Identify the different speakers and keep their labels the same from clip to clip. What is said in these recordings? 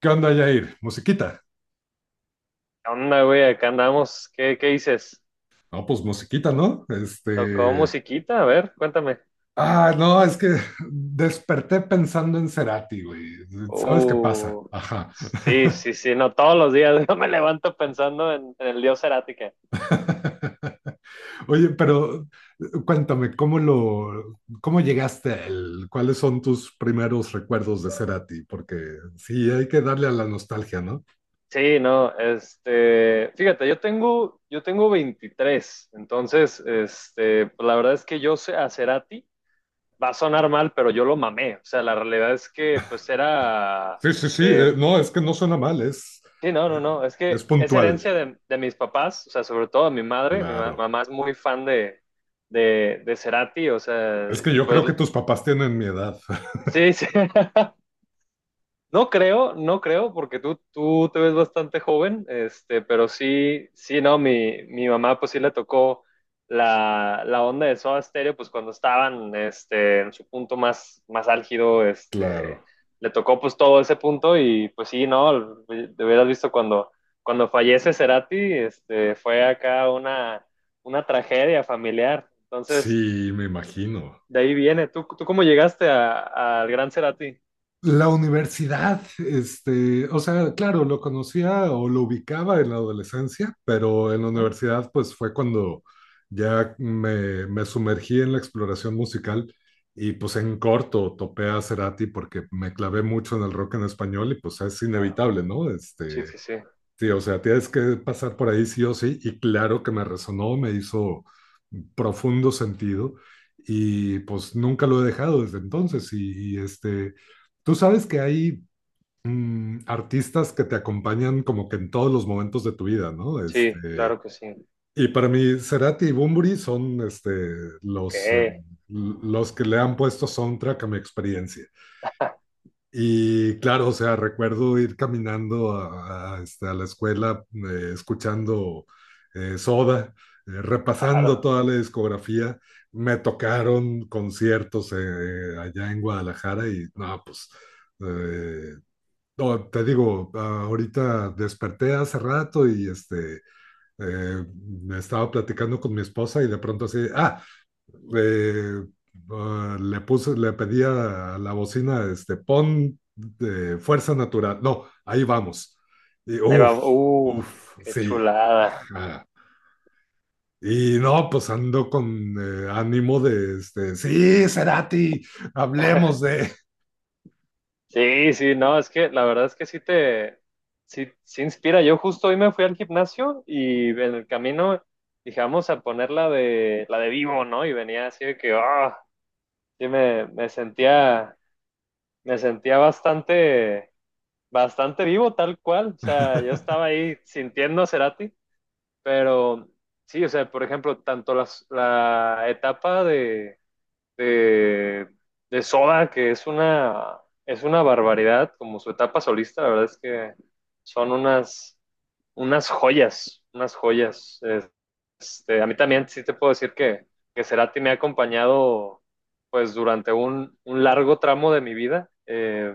Speaker 1: ¿Qué onda, Jair? ¿Musiquita?
Speaker 2: ¿Qué onda, güey? Acá andamos. ¿Qué dices?
Speaker 1: No, pues musiquita, ¿no?
Speaker 2: ¿Tocó
Speaker 1: Este.
Speaker 2: musiquita? A ver, cuéntame.
Speaker 1: Ah, no, es que desperté pensando en Cerati, güey. ¿Sabes qué pasa?
Speaker 2: Uh,
Speaker 1: Ajá.
Speaker 2: sí, sí, sí, no, todos los días yo me levanto pensando en el dios Cerati que-
Speaker 1: Oye, pero cuéntame, ¿cómo llegaste a él? ¿Cuáles son tus primeros recuerdos de Cerati? Porque sí, hay que darle a la nostalgia, ¿no?
Speaker 2: Sí, no, este, fíjate, yo tengo 23. Entonces, este, pues, la verdad es que yo sé a Cerati, va a sonar mal, pero yo lo mamé, o sea, la realidad es que, pues, era,
Speaker 1: Sí, sí, sí.
Speaker 2: eh,
Speaker 1: No, es que no suena mal,
Speaker 2: Sí, no,
Speaker 1: eh,
Speaker 2: no, no. Es
Speaker 1: es
Speaker 2: que es
Speaker 1: puntual.
Speaker 2: herencia de mis papás, o sea, sobre todo de mi madre.
Speaker 1: Claro.
Speaker 2: Mamá es muy fan de Cerati, o sea,
Speaker 1: Es que
Speaker 2: y
Speaker 1: yo
Speaker 2: pues
Speaker 1: creo que tus papás tienen mi edad.
Speaker 2: sí, sí. No creo, no creo, porque tú te ves bastante joven, este, pero sí, sí, no, mi mamá pues sí le tocó la onda de Soda Stereo, pues cuando estaban este, en su punto más, más álgido, este,
Speaker 1: Claro.
Speaker 2: le tocó pues todo ese punto y pues sí, no, te hubieras visto cuando, cuando fallece Cerati, este, fue acá una tragedia familiar, entonces
Speaker 1: Sí, me imagino.
Speaker 2: de ahí viene. ¿Tú cómo llegaste al gran Cerati?
Speaker 1: La universidad, este, o sea, claro, lo conocía o lo ubicaba en la adolescencia, pero en la
Speaker 2: Ujú.
Speaker 1: universidad pues fue cuando ya me sumergí en la exploración musical, y pues en corto topé a Cerati porque me clavé mucho en el rock en español y pues es
Speaker 2: Claro.
Speaker 1: inevitable, ¿no? Este,
Speaker 2: Sí, sí, sí.
Speaker 1: sí, o sea, tienes que pasar por ahí sí o sí, y claro que me resonó, me hizo profundo sentido, y pues nunca lo he dejado desde entonces. Y este, tú sabes que hay artistas que te acompañan como que en todos los momentos de tu vida, ¿no?
Speaker 2: Sí,
Speaker 1: Este,
Speaker 2: claro que sí.
Speaker 1: y para mí, Cerati y Bunbury son este, los, eh,
Speaker 2: Qué
Speaker 1: los que le han puesto soundtrack a mi experiencia. Y claro, o sea, recuerdo ir caminando a la escuela, escuchando, Soda, repasando
Speaker 2: claro.
Speaker 1: toda la discografía. Me tocaron conciertos, allá en Guadalajara y no, pues, eh, no, te digo, ahorita desperté hace rato y este, eh, estaba platicando con mi esposa y de pronto así, eh, le pedía a la bocina, este, pon de Fuerza Natural. No, Ahí vamos. Y
Speaker 2: Ahí
Speaker 1: uff,
Speaker 2: vamos. Uf,
Speaker 1: uff,
Speaker 2: qué
Speaker 1: sí.
Speaker 2: chulada.
Speaker 1: Ah, y no, pues ando con ánimo de, este, sí, Cerati, hablemos de...
Speaker 2: Sí, sí, no, es que la verdad es que sí te, sí, sí inspira. Yo justo hoy me fui al gimnasio y en el camino dije, vamos a poner la de vivo, ¿no? Y venía así de que, ah, sí me, me sentía bastante, bastante vivo tal cual. O sea, yo estaba ahí sintiendo a Cerati, pero sí, o sea, por ejemplo, tanto las, la etapa de, de Soda, que es una barbaridad, como su etapa solista, la verdad es que son unas, unas joyas, unas joyas. Es- Este, a mí también sí te puedo decir que Cerati me ha acompañado pues durante un largo tramo de mi vida.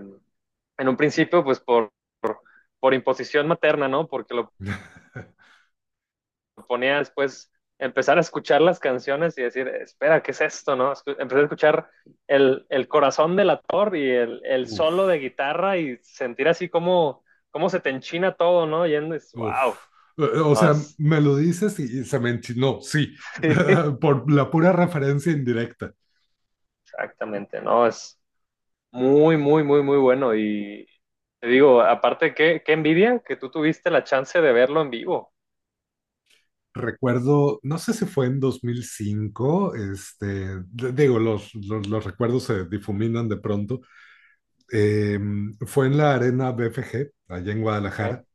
Speaker 2: En un principio, pues por imposición materna, ¿no? Porque lo ponía después empezar a escuchar las canciones y decir, espera, ¿qué es esto?, ¿no? Empecé a escuchar el corazón del actor y el
Speaker 1: Uf,
Speaker 2: solo de guitarra y sentir así como, como se te enchina todo, ¿no? Yendo y es, wow.
Speaker 1: uf. O
Speaker 2: No,
Speaker 1: sea,
Speaker 2: es,
Speaker 1: me lo dices y se me enchinó, sí, por la pura referencia indirecta.
Speaker 2: exactamente, ¿no? Es muy, muy, muy, muy bueno. Y te digo, aparte, qué envidia que tú tuviste la chance de verlo en vivo.
Speaker 1: Recuerdo, no sé si fue en 2005, este, digo, los recuerdos se difuminan de pronto. Eh, Fue en la Arena BFG, allá en Guadalajara.
Speaker 2: ¿Eh?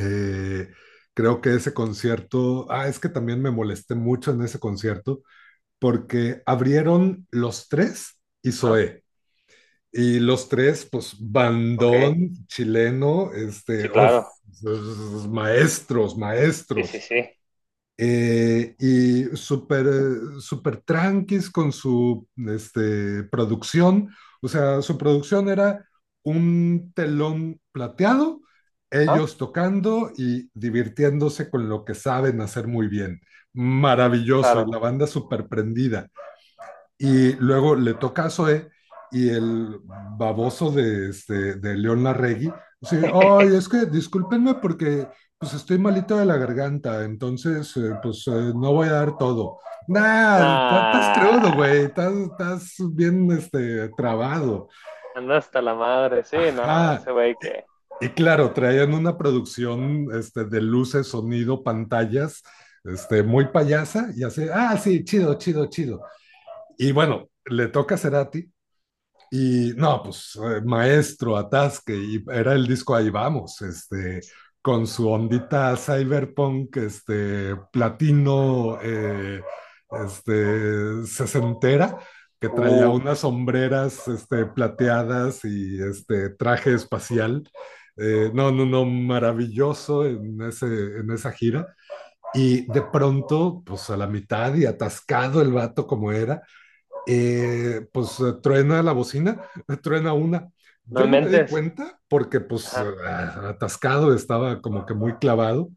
Speaker 1: Eh, Creo que ese concierto, ah, es que también me molesté mucho en ese concierto porque abrieron Los Tres y
Speaker 2: ¿Ah?
Speaker 1: Zoé. Y Los Tres, pues,
Speaker 2: Ok,
Speaker 1: bandón chileno, este,
Speaker 2: sí,
Speaker 1: uf,
Speaker 2: claro.
Speaker 1: maestros,
Speaker 2: Sí, sí,
Speaker 1: maestros,
Speaker 2: sí.
Speaker 1: y súper, súper tranquis con su este, producción. O sea, su producción era un telón plateado,
Speaker 2: ¿Ah?
Speaker 1: ellos tocando y divirtiéndose con lo que saben hacer muy bien. Maravilloso, y la
Speaker 2: Claro.
Speaker 1: banda súper prendida. Y luego le toca a Zoe y el baboso de, este, de León Larregui. Sí, ay, es que discúlpenme porque pues estoy malito de la garganta, entonces, pues, no voy a dar todo. Nah, estás crudo, güey,
Speaker 2: Ah.
Speaker 1: estás bien este, trabado.
Speaker 2: Anda hasta la madre, sí, no, ese
Speaker 1: Ajá.
Speaker 2: güey que,
Speaker 1: Y claro, traían una producción este, de luces, sonido, pantallas, este, muy payasa, y así, ah, sí, chido, chido, chido. Y bueno, le toca a Cerati. Y no, pues, maestro, atasque, y era el disco Ahí Vamos, este, con su ondita cyberpunk, este, platino, este, sesentera, que traía
Speaker 2: uff,
Speaker 1: unas sombreras, este, plateadas y este traje espacial. No, no, no, maravilloso en, en esa gira. Y de pronto, pues a la mitad y atascado el vato como era, pues, truena la bocina, truena una.
Speaker 2: no
Speaker 1: Yo no me di
Speaker 2: inventes,
Speaker 1: cuenta porque pues,
Speaker 2: ajá,
Speaker 1: atascado estaba como que muy clavado,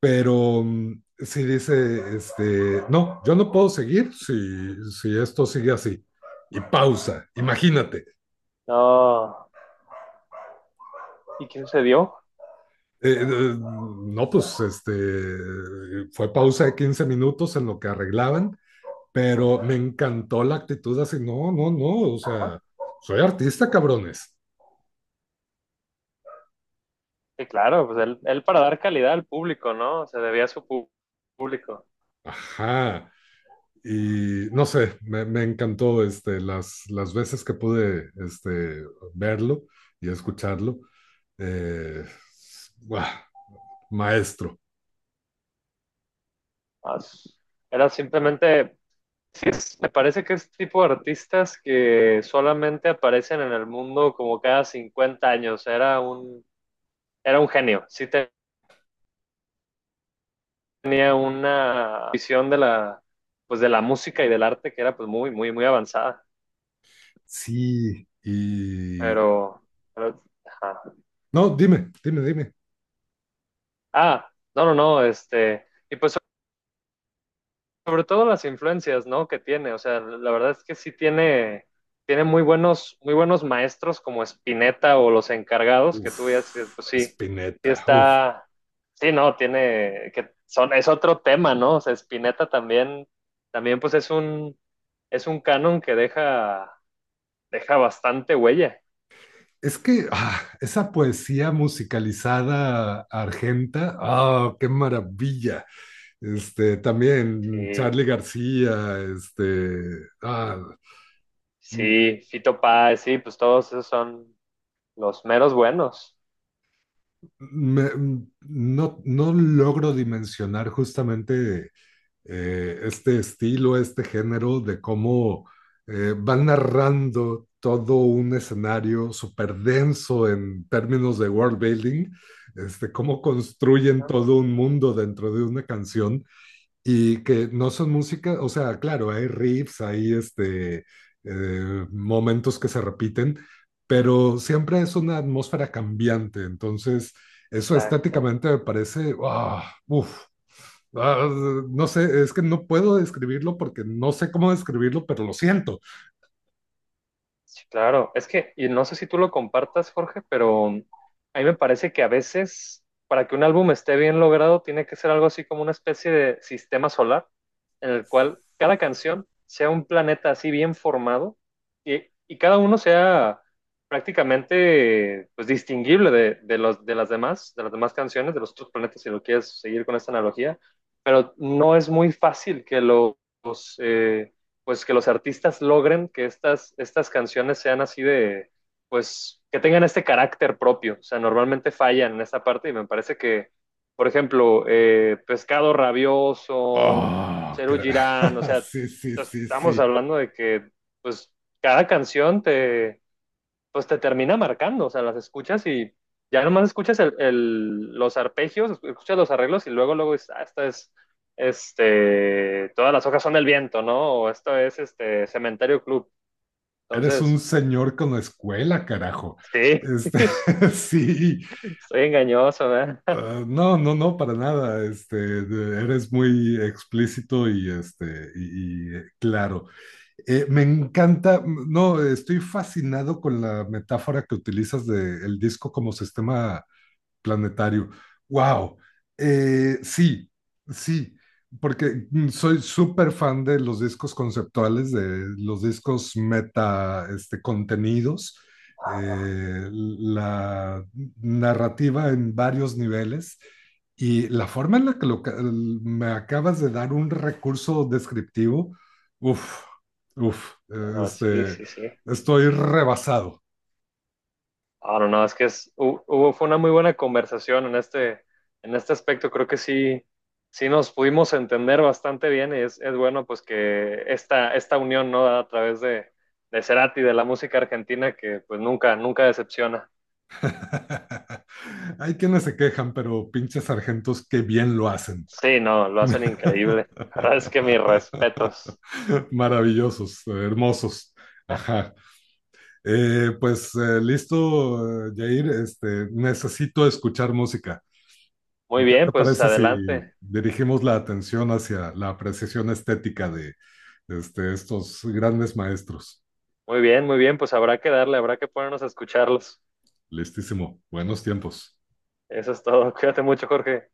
Speaker 1: pero, sí dice, este, no, yo no puedo seguir si esto sigue así. Y pausa, imagínate.
Speaker 2: no, ¿y quién se dio?
Speaker 1: Eh, eh, no, pues este, fue pausa de 15 minutos en lo que arreglaban, pero me encantó la actitud así, no, no, no, o
Speaker 2: Ajá,
Speaker 1: sea, soy artista, cabrones.
Speaker 2: sí, claro, pues él para dar calidad al público, ¿no? Se debía a su pu- público.
Speaker 1: Ajá. Y no sé, me encantó este, las veces que pude este, verlo y escucharlo. Eh, ¡Buah! Maestro.
Speaker 2: Ah, s- Era simplemente, sí, es- me parece que es tipo de artistas que solamente aparecen en el mundo como cada 50 años, era un genio, sí tenía una visión de la, pues de la música y del arte que era pues muy, muy, muy avanzada.
Speaker 1: Sí, y...
Speaker 2: Pero, pero- ajá.
Speaker 1: No, dime, dime, dime.
Speaker 2: Ah, no, no, no, este, y pues sobre todo las influencias, ¿no? Que tiene, o sea, la verdad es que sí tiene, tiene muy buenos maestros como Spinetta o los encargados, que tú ya dices,
Speaker 1: Uf,
Speaker 2: pues sí, sí
Speaker 1: Spinetta, uf.
Speaker 2: está, sí, no, tiene, que son, es otro tema, ¿no? O sea, Spinetta también, también pues es un canon que deja, deja bastante huella,
Speaker 1: Es que, esa poesía musicalizada argenta, qué maravilla. Este, también
Speaker 2: sí.
Speaker 1: Charlie García. este, ah, mm,
Speaker 2: Sí, Fito Páez, sí, pues todos esos son, los meros buenos.
Speaker 1: Me- mm, no, no logro dimensionar justamente, este estilo, este género de cómo, van narrando todo un escenario súper denso en términos de world building, este, cómo construyen
Speaker 2: ¿No?
Speaker 1: todo un mundo dentro de una canción y que no son música, o sea, claro, hay riffs, hay momentos que se repiten, pero siempre es una atmósfera cambiante, entonces eso
Speaker 2: Exacto.
Speaker 1: estéticamente me parece, ah, no sé, es que no puedo describirlo porque no sé cómo describirlo, pero lo siento.
Speaker 2: Sí, claro. Es que, y no sé si tú lo compartas, Jorge, pero a mí me parece que a veces, para que un álbum esté bien logrado, tiene que ser algo así como una especie de sistema solar, en el cual cada canción sea un planeta así bien formado y cada uno sea prácticamente pues, distinguible de de las demás canciones, de los otros planetas, si lo quieres seguir con esta analogía, pero no es muy fácil que los, eh, pues que los artistas logren que estas, estas canciones sean así de, pues, que tengan este carácter propio. O sea, normalmente fallan en esta parte y me parece que, por ejemplo, Pescado Rabioso,
Speaker 1: Ah,
Speaker 2: Cheru Girán, o sea,
Speaker 1: sí, sí, sí,
Speaker 2: estamos
Speaker 1: sí.
Speaker 2: hablando de que, pues, cada canción te, pues te termina marcando, o sea, las escuchas y ya nomás escuchas los arpegios, escuchas los arreglos y luego, luego dices, ah, esta es, este, todas las hojas son del viento, ¿no? O esto es, este, Cementerio Club.
Speaker 1: Eres un
Speaker 2: Entonces,
Speaker 1: señor con escuela, carajo.
Speaker 2: sí,
Speaker 1: Este, sí.
Speaker 2: estoy engañoso, ¿verdad?
Speaker 1: Ah, no, no, no, para nada. Este, eres muy explícito, y claro. Me encanta, no, estoy fascinado con la metáfora que utilizas del disco como sistema planetario. ¡Wow! Sí, sí, porque soy súper fan de los discos conceptuales, de los discos meta, este, contenidos, la narrativa en varios niveles. Y la forma en la que me acabas de dar un recurso descriptivo, uff, uff,
Speaker 2: No, sí,
Speaker 1: este,
Speaker 2: sí, sí.
Speaker 1: estoy rebasado.
Speaker 2: Ah, no, no, es que es, hu- hubo, fue una muy buena conversación en este aspecto. Creo que sí, sí nos pudimos entender bastante bien y es bueno pues que esta unión, ¿no? A través de Cerati, de la música argentina, que pues nunca, nunca decepciona.
Speaker 1: Hay quienes se quejan, pero pinches sargentos que bien lo hacen.
Speaker 2: Sí, no, lo hacen increíble. La verdad es que mis respetos.
Speaker 1: Maravillosos, hermosos. Ajá. Pues listo, Jair. Este, necesito escuchar música.
Speaker 2: Muy
Speaker 1: ¿Qué
Speaker 2: bien,
Speaker 1: te
Speaker 2: pues
Speaker 1: parece si
Speaker 2: adelante.
Speaker 1: dirigimos la atención hacia la apreciación estética de estos grandes maestros?
Speaker 2: Muy bien, pues habrá que darle, habrá que ponernos a escucharlos.
Speaker 1: Listísimo. Buenos tiempos.
Speaker 2: Eso es todo. Cuídate mucho, Jorge.